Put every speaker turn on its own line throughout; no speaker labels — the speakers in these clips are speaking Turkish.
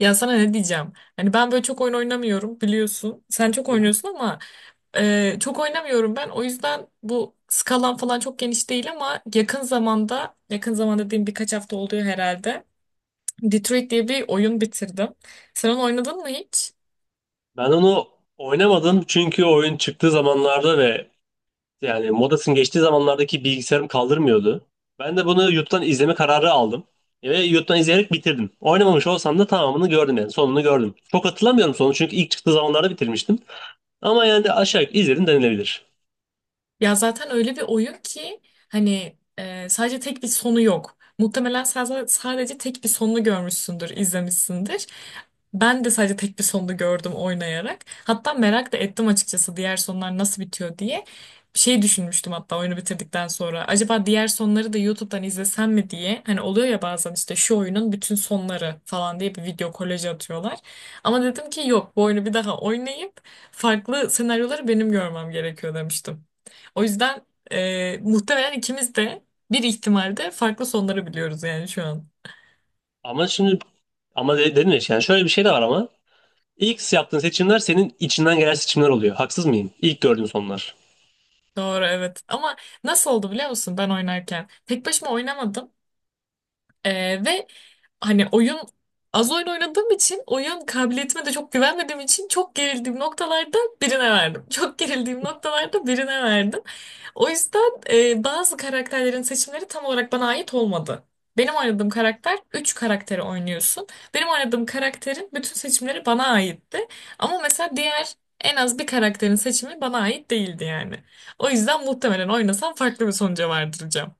Ya sana ne diyeceğim? Hani ben böyle çok oyun oynamıyorum biliyorsun. Sen çok oynuyorsun ama çok oynamıyorum ben. O yüzden bu skalan falan çok geniş değil ama yakın zaman dediğim birkaç hafta oluyor herhalde. Detroit diye bir oyun bitirdim. Sen onu oynadın mı hiç?
Ben onu oynamadım çünkü oyun çıktığı zamanlarda ve modasının geçtiği zamanlardaki bilgisayarım kaldırmıyordu. Ben de bunu YouTube'dan izleme kararı aldım. Ve YouTube'dan izleyerek bitirdim. Oynamamış olsam da tamamını gördüm sonunu gördüm. Çok hatırlamıyorum sonu çünkü ilk çıktığı zamanlarda bitirmiştim. Ama de aşağı yukarı izledim denilebilir.
Ya zaten öyle bir oyun ki sadece tek bir sonu yok. Muhtemelen sadece tek bir sonunu görmüşsündür, izlemişsindir. Ben de sadece tek bir sonunu gördüm oynayarak. Hatta merak da ettim açıkçası diğer sonlar nasıl bitiyor diye. Şey düşünmüştüm hatta oyunu bitirdikten sonra. Acaba diğer sonları da YouTube'dan izlesem mi diye. Hani oluyor ya bazen işte şu oyunun bütün sonları falan diye bir video kolajı atıyorlar. Ama dedim ki yok, bu oyunu bir daha oynayıp farklı senaryoları benim görmem gerekiyor demiştim. O yüzden muhtemelen ikimiz de bir ihtimalde farklı sonları biliyoruz yani şu an.
Ama şimdi ama de- dedim ya yani şöyle bir şey de var ama ilk yaptığın seçimler senin içinden gelen seçimler oluyor. Haksız mıyım? İlk gördüğün sonlar.
Doğru, evet. Ama nasıl oldu biliyor musun ben oynarken? Tek başıma oynamadım. Ve hani az oyun oynadığım için, oyun kabiliyetime de çok güvenmediğim için çok gerildiğim noktalarda birine verdim. Çok gerildiğim noktalarda birine verdim. O yüzden bazı karakterlerin seçimleri tam olarak bana ait olmadı. Benim oynadığım karakter Üç karakteri oynuyorsun. Benim oynadığım karakterin bütün seçimleri bana aitti. Ama mesela diğer en az bir karakterin seçimi bana ait değildi yani. O yüzden muhtemelen oynasam farklı bir sonuca vardıracağım.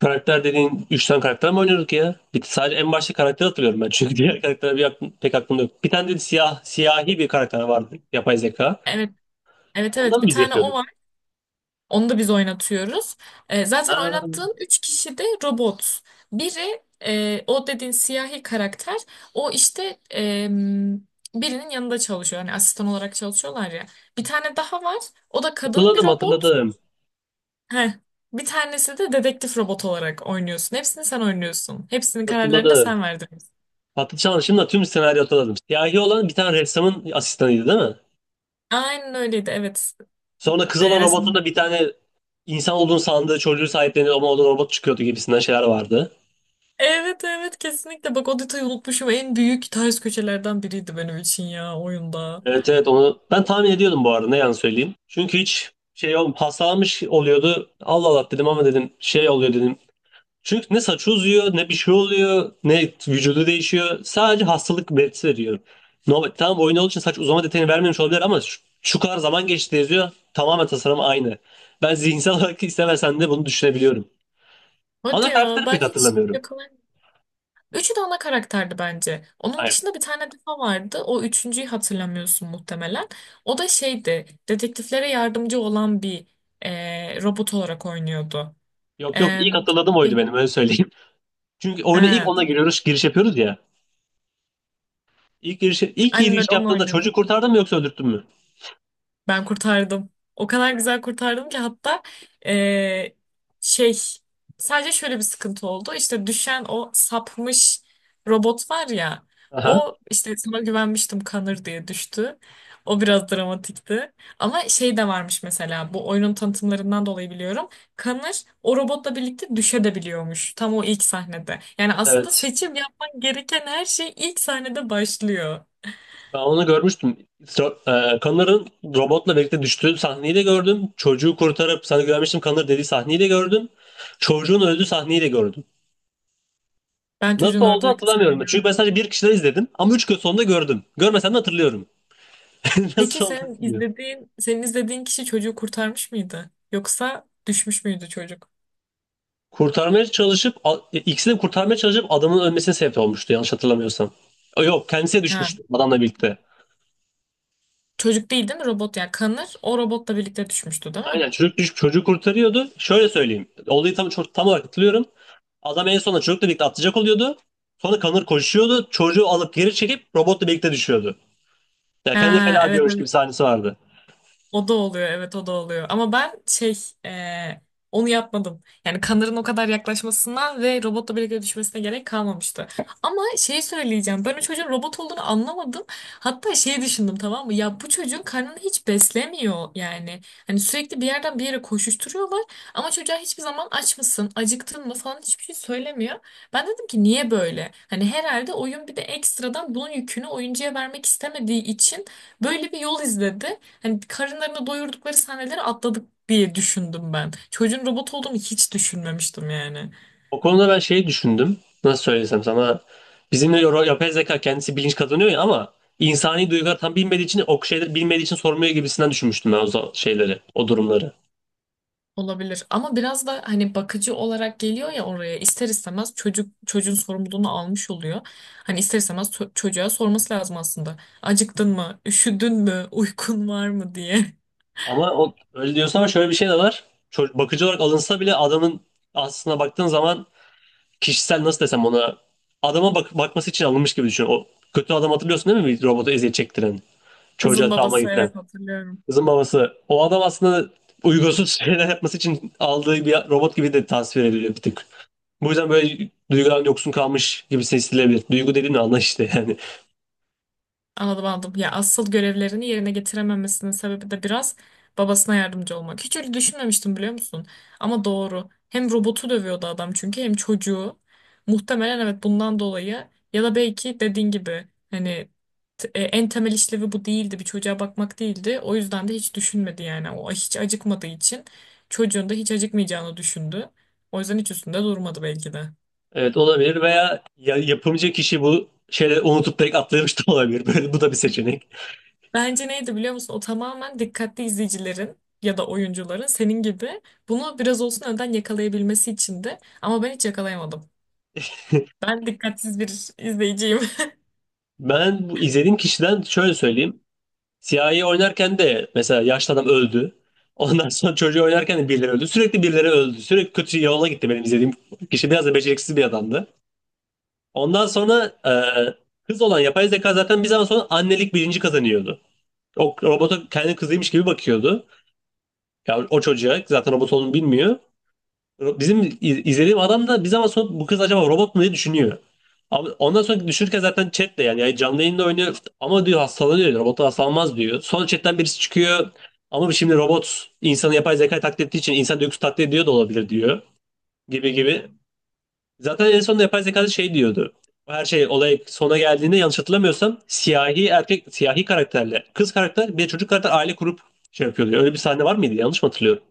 Karakter dediğin 3 tane karakter mi oynuyorduk ya? Bir, sadece en başta karakteri hatırlıyorum ben. Çünkü diğer karakter pek aklımda yok. Bir tane de siyahi bir karakter vardı. Yapay zeka.
Evet, evet,
Ondan
evet.
mı
Bir
biz
tane o.
yapıyorduk?
Onu da biz oynatıyoruz. Zaten
Ha,
oynattığın üç kişi de robot. Biri o dediğin siyahi karakter. O işte, birinin yanında çalışıyor. Hani asistan olarak çalışıyorlar ya. Bir tane daha var. O da kadın bir
hatırladım
robot.
hatırladım.
Heh. Bir tanesi de dedektif robot olarak oynuyorsun. Hepsini sen oynuyorsun. Hepsinin kararlarını da
Hatırladım.
sen verdiriyorsun.
Patlıcan'ın şimdi tüm senaryo hatırladım. Siyahi olan bir tane ressamın asistanıydı, değil mi?
Aynen öyleydi. Evet.
Sonra kız olan robotun
Resim.
da bir tane insan olduğunu sandığı çocuğu sahiplenir ama o da robot çıkıyordu gibisinden şeyler vardı.
Evet, evet, kesinlikle. Bak, o detayı unutmuşum. En büyük ters köşelerden biriydi benim için ya oyunda.
Evet evet, onu ben tahmin ediyordum bu arada, ne yalan söyleyeyim. Çünkü hiç olm hastalanmış oluyordu. Allah Allah dedim ama dedim şey oluyor dedim. Çünkü ne saçı uzuyor ne bir şey oluyor ne vücudu değişiyor. Sadece hastalık belirtisi veriyor. No, tamam, oyun olduğu için saç uzama detayını vermemiş olabilir ama şu kadar zaman geçti yazıyor. Tamamen tasarım aynı. Ben zihinsel olarak istemesen de bunu düşünebiliyorum.
Hadi
Ana
ya,
karakteri
ben
pek
hiç
hatırlamıyorum.
yakalayamadım. Üçü de ana karakterdi bence. Onun
Hayır.
dışında bir tane daha vardı. O üçüncüyü hatırlamıyorsun muhtemelen. O da şeydi. Dedektiflere yardımcı olan bir robot olarak oynuyordu.
Yok yok,
E,
ilk hatırladığım oydu
şey,
benim, öyle söyleyeyim. Çünkü oyuna ilk
ha,
ona giriyoruz, giriş yapıyoruz ya. İlk
aynen
giriş
öyle, onu
yaptığında
oynuyordu.
çocuğu kurtardın mı yoksa öldürttün mü?
Ben kurtardım. O kadar güzel kurtardım ki, hatta eee, şey sadece şöyle bir sıkıntı oldu. İşte düşen o sapmış robot var ya.
Aha,
O işte sana güvenmiştim Kanır diye düştü. O biraz dramatikti. Ama şey de varmış, mesela bu oyunun tanıtımlarından dolayı biliyorum. Kanır o robotla birlikte düşebiliyormuş tam o ilk sahnede. Yani aslında
evet.
seçim yapman gereken her şey ilk sahnede başlıyor.
Ben onu görmüştüm. Connor'ın robotla birlikte düştüğü sahneyi de gördüm. Çocuğu kurtarıp sana güvenmiştim Connor dediği sahneyi de gördüm. Çocuğun öldüğü sahneyi de gördüm.
Ben çocuğun
Nasıl oldu
ördüğü
hatırlamıyorum.
sahneyi
Çünkü ben
görmedim.
sadece bir kişiden izledim ama üç gün sonunda gördüm. Görmesem de hatırlıyorum.
Peki
Nasıl oldu
sen
bilmiyorum.
izlediğin, senin izlediğin kişi çocuğu kurtarmış mıydı? Yoksa düşmüş müydü çocuk?
Kurtarmaya çalışıp, a- e, ikisini de kurtarmaya çalışıp adamın ölmesine sebep olmuştu yanlış hatırlamıyorsam. Yok, kendisi
Ha.
düşmüştü adamla birlikte.
Çocuk değil değil mi? Robot ya. Kanır. O robotla birlikte düşmüştü değil mi?
Aynen, çocuk düşüp çocuğu kurtarıyordu. Şöyle söyleyeyim. Olayı tam olarak hatırlıyorum. Adam en sonunda çocukla birlikte atlayacak oluyordu. Sonra Connor koşuyordu. Çocuğu alıp geri çekip robotla birlikte düşüyordu. Ya kendi
Ha,
feda
evet,
diyormuş
evet.
gibi sahnesi vardı.
O da oluyor, evet, o da oluyor. Ama ben e, onu yapmadım. Yani Kanırın o kadar yaklaşmasına ve robotla birlikte düşmesine gerek kalmamıştı. Ama şeyi söyleyeceğim. Ben o çocuğun robot olduğunu anlamadım. Hatta şey düşündüm, tamam mı? Ya bu çocuğun karnını hiç beslemiyor yani. Hani sürekli bir yerden bir yere koşuşturuyorlar. Ama çocuğa hiçbir zaman aç mısın, acıktın mı falan hiçbir şey söylemiyor. Ben dedim ki niye böyle? Hani herhalde oyun bir de ekstradan bunun yükünü oyuncuya vermek istemediği için böyle bir yol izledi. Hani karınlarını doyurdukları sahneleri atladık diye düşündüm ben. Çocuğun robot olduğunu hiç düşünmemiştim yani.
O konuda ben şeyi düşündüm. Nasıl söylesem sana. Yapay zeka kendisi bilinç kazanıyor ya ama insani duygular tam bilmediği için o şeyleri bilmediği için sormuyor gibisinden düşünmüştüm ben şeyleri, o durumları.
Olabilir ama biraz da hani bakıcı olarak geliyor ya oraya, ister istemez çocuğun sorumluluğunu almış oluyor. Hani ister istemez çocuğa sorması lazım aslında. Acıktın mı? Üşüdün mü? Uykun var mı diye.
Ama öyle diyorsun ama şöyle bir şey de var. Bakıcı olarak alınsa bile adamın aslına baktığın zaman kişisel nasıl desem ona adama bak bakması için alınmış gibi düşün. O kötü adam hatırlıyorsun değil mi? Bir robotu eziyet çektiren,
Kızın
çocuğa travma
babası,
getiren.
evet, hatırlıyorum.
Kızın babası. O adam aslında uygunsuz şeyler yapması için aldığı bir robot gibi de tasvir ediliyor bir tık. Bu yüzden böyle duygudan yoksun kalmış gibi hissedilebilir. Duygu dediğin anla işte yani.
Anladım, anladım. Ya asıl görevlerini yerine getirememesinin sebebi de biraz babasına yardımcı olmak. Hiç öyle düşünmemiştim biliyor musun? Ama doğru. Hem robotu dövüyordu adam çünkü, hem çocuğu. Muhtemelen evet bundan dolayı ya da belki dediğin gibi hani en temel işlevi bu değildi. Bir çocuğa bakmak değildi. O yüzden de hiç düşünmedi yani. O hiç acıkmadığı için çocuğun da hiç acıkmayacağını düşündü. O yüzden hiç üstünde durmadı belki de.
Evet olabilir veya yapımcı kişi bu şeyleri unutup direkt atlamış da olabilir. Böyle bu da bir seçenek.
Bence neydi biliyor musun? O tamamen dikkatli izleyicilerin ya da oyuncuların senin gibi bunu biraz olsun önden yakalayabilmesi içindi. Ama ben hiç yakalayamadım. Ben dikkatsiz bir izleyiciyim.
Ben bu izlediğim kişiden şöyle söyleyeyim. Siyahi oynarken de mesela yaşlı adam öldü. Ondan sonra çocuğu oynarken de birileri öldü. Sürekli birileri öldü. Sürekli kötü yola gitti benim izlediğim kişi. Biraz da beceriksiz bir adamdı. Ondan sonra kız olan yapay zeka zaten bir zaman sonra annelik bilinci kazanıyordu. O robota kendi kızıymış gibi bakıyordu. Ya o çocuğa zaten robot olduğunu bilmiyor. İzlediğim adam da bir zaman sonra bu kız acaba robot mu diye düşünüyor. Ama ondan sonra düşünürken zaten chatle yani canlı yayında oynuyor ama diyor hastalanıyor diyor. Robot hastalanmaz diyor. Sonra chatten birisi çıkıyor ama şimdi robot insanı yapay zeka taklit ettiği için insan duygusu taklit ediyor da olabilir diyor gibi gibi. Zaten en sonunda yapay zeka da şey diyordu. Her şey olay sona geldiğinde yanlış hatırlamıyorsam siyahi karakterle kız karakter bir de çocuk karakter aile kurup şey yapıyor diyor. Öyle bir sahne var mıydı? Yanlış mı hatırlıyorum?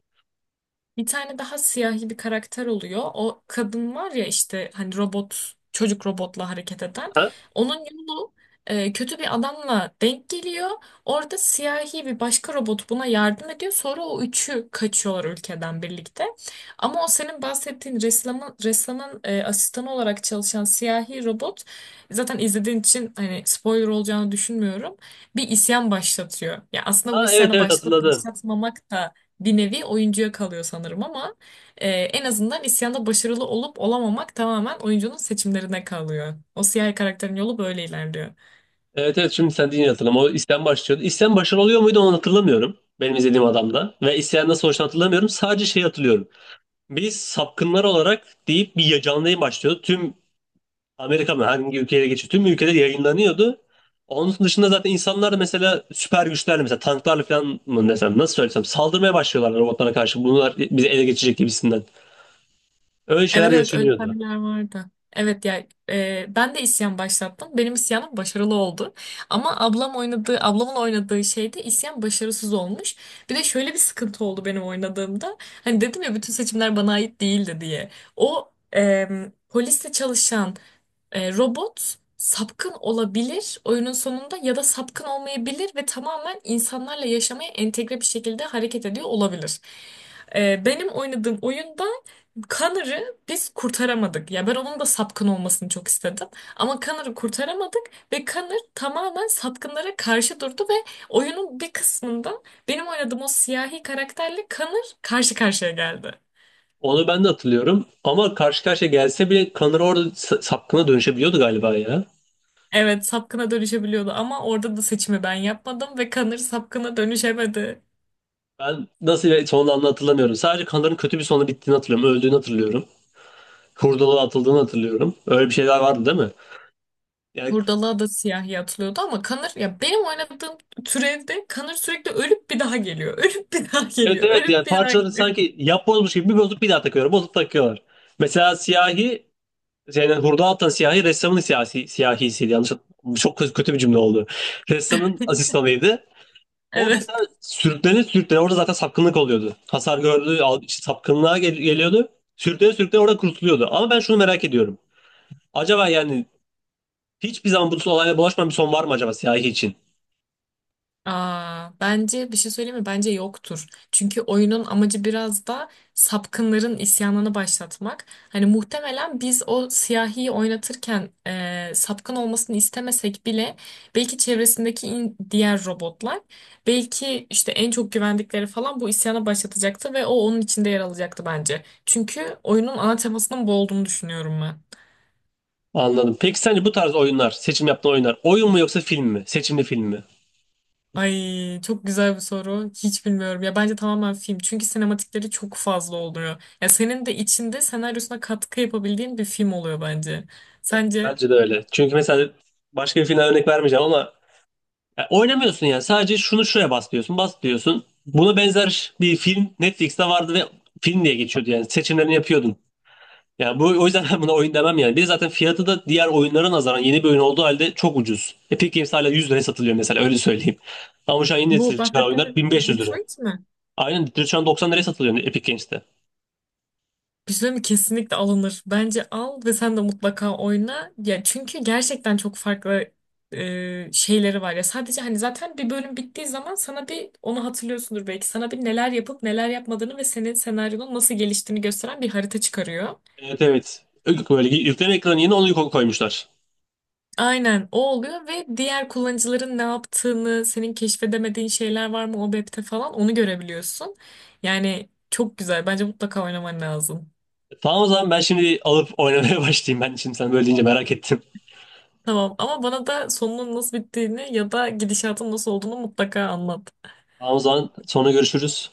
Bir tane daha siyahi bir karakter oluyor. O kadın var ya, işte hani robot çocuk, robotla hareket eden.
Ha?
Onun yolu kötü bir adamla denk geliyor. Orada siyahi bir başka robot buna yardım ediyor. Sonra o üçü kaçıyorlar ülkeden birlikte. Ama o senin bahsettiğin ressamın asistanı olarak çalışan siyahi robot, zaten izlediğin için hani spoiler olacağını düşünmüyorum. Bir isyan başlatıyor. Ya aslında bu
Ha, evet
isyanı
evet,
başlatıp
hatırladım.
başlatmamak da bir nevi oyuncuya kalıyor sanırım ama en azından isyanda başarılı olup olamamak tamamen oyuncunun seçimlerine kalıyor. O siyahi karakterin yolu böyle ilerliyor.
Evet evet, şimdi sen deyince hatırladım. O isyan başlıyordu. İsyan başarılı oluyor muydu onu hatırlamıyorum. Benim izlediğim adamda. Ve isyandan sonuçta hatırlamıyorum. Sadece şey hatırlıyorum. Biz sapkınlar olarak deyip bir canlı yayın başlıyordu. Tüm Amerika mı, hangi ülkeye geçiyor? Tüm ülkede yayınlanıyordu. Onun dışında zaten insanlar da mesela süper güçlerle mesela tanklarla falan mı desem nasıl söylesem saldırmaya başlıyorlar robotlara karşı. Bunlar bizi ele geçirecek gibisinden. Öyle şeyler
Evet, evet, öyle
yaşanıyordu.
sahneler vardı. Evet ya, ben de isyan başlattım. Benim isyanım başarılı oldu. Ama ablamın oynadığı şeyde isyan başarısız olmuş. Bir de şöyle bir sıkıntı oldu benim oynadığımda. Hani dedim ya bütün seçimler bana ait değildi diye. O polisle çalışan robot sapkın olabilir oyunun sonunda ya da sapkın olmayabilir ve tamamen insanlarla yaşamaya entegre bir şekilde hareket ediyor olabilir. Benim oynadığım oyunda Connor'ı biz kurtaramadık. Ya ben onun da sapkın olmasını çok istedim. Ama Connor'ı kurtaramadık ve Connor tamamen sapkınlara karşı durdu ve oyunun bir kısmında benim oynadığım o siyahi karakterle Connor karşı karşıya geldi.
Onu ben de hatırlıyorum. Ama karşı karşıya gelse bile Kanır orada sapkına dönüşebiliyordu galiba ya.
Evet, sapkına dönüşebiliyordu ama orada da seçimi ben yapmadım ve Kanır sapkına dönüşemedi.
Ben nasıl bir sonlandı hatırlamıyorum. Sadece Kanır'ın kötü bir sonu bittiğini hatırlıyorum. Öldüğünü hatırlıyorum. Hurdalığa atıldığını hatırlıyorum. Öyle bir şeyler vardı değil mi? Yani
Hurdalığa da siyahi atılıyordu ama Kanır, ya benim oynadığım türevde Kanır sürekli ölüp bir daha geliyor. Ölüp bir daha
evet
geliyor.
evet,
Ölüp
yani
bir daha
parçaları
geliyor.
sanki yapbozmuş gibi bir bozup bir daha takıyorlar. Bozup takıyorlar. Mesela siyahi hurdalığa atan siyahi ressamın siyahisiydi. Yanlış hatırlamıyorum. Çok kötü bir cümle oldu. Ressamın asistanıydı. O
Evet.
mesela sürüklene sürüklene orada zaten sapkınlık oluyordu. Hasar gördü, al- işte Sapkınlığa geliyordu. Sürüklene sürüklene orada kurtuluyordu. Ama ben şunu merak ediyorum. Acaba hiçbir zaman bu olayla bulaşmayan bir son var mı acaba siyahi için?
Aa, bence bir şey söyleyeyim mi? Bence yoktur. Çünkü oyunun amacı biraz da sapkınların isyanını başlatmak. Hani muhtemelen biz o siyahiyi oynatırken sapkın olmasını istemesek bile belki çevresindeki diğer robotlar, belki işte en çok güvendikleri falan, bu isyana başlatacaktı ve o onun içinde yer alacaktı bence. Çünkü oyunun ana temasının bu olduğunu düşünüyorum ben.
Anladım. Peki sence bu tarz oyunlar, seçim yaptığın oyunlar oyun mu yoksa film mi? Seçimli film mi?
Ay, çok güzel bir soru. Hiç bilmiyorum. Ya bence tamamen film. Çünkü sinematikleri çok fazla oluyor. Ya senin de içinde senaryosuna katkı yapabildiğin bir film oluyor bence. Sence
Bence de öyle. Çünkü mesela başka bir filmden örnek vermeyeceğim ama ya oynamıyorsun yani. Sadece şunu şuraya bas diyorsun. Buna benzer bir film Netflix'te vardı ve film diye geçiyordu yani. Seçimlerini yapıyordun. Yani bu o yüzden ben buna oyun demem yani. Bir de zaten fiyatı da diğer oyunlara nazaran yeni bir oyun olduğu halde çok ucuz. Epic Games hala 100 liraya satılıyor mesela, öyle söyleyeyim. Ama şu an yeni
bu
nesil çıkan
bahsettiğimiz
oyunlar 1500 lira.
Detroit mi?
Aynen, direkt şu an 90 liraya satılıyor Epic Games'te.
Bir şey söyleyeyim mi? Kesinlikle alınır. Bence al ve sen de mutlaka oyna. Ya çünkü gerçekten çok farklı şeyleri var. Ya sadece hani zaten bir bölüm bittiği zaman sana bir onu hatırlıyorsundur belki. Sana bir neler yapıp neler yapmadığını ve senin senaryonun nasıl geliştiğini gösteren bir harita çıkarıyor.
Evet evet. Böyle yükleme ekranı yeni onu koymuşlar.
Aynen, o oluyor ve diğer kullanıcıların ne yaptığını, senin keşfedemediğin şeyler var mı o map'te falan, onu görebiliyorsun. Yani çok güzel. Bence mutlaka oynaman lazım.
Tamam o zaman ben şimdi alıp oynamaya başlayayım. Ben şimdi sen böyle deyince merak ettim.
Tamam ama bana da sonunun nasıl bittiğini ya da gidişatın nasıl olduğunu mutlaka anlat.
Tamam o zaman sonra görüşürüz.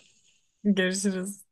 Görüşürüz.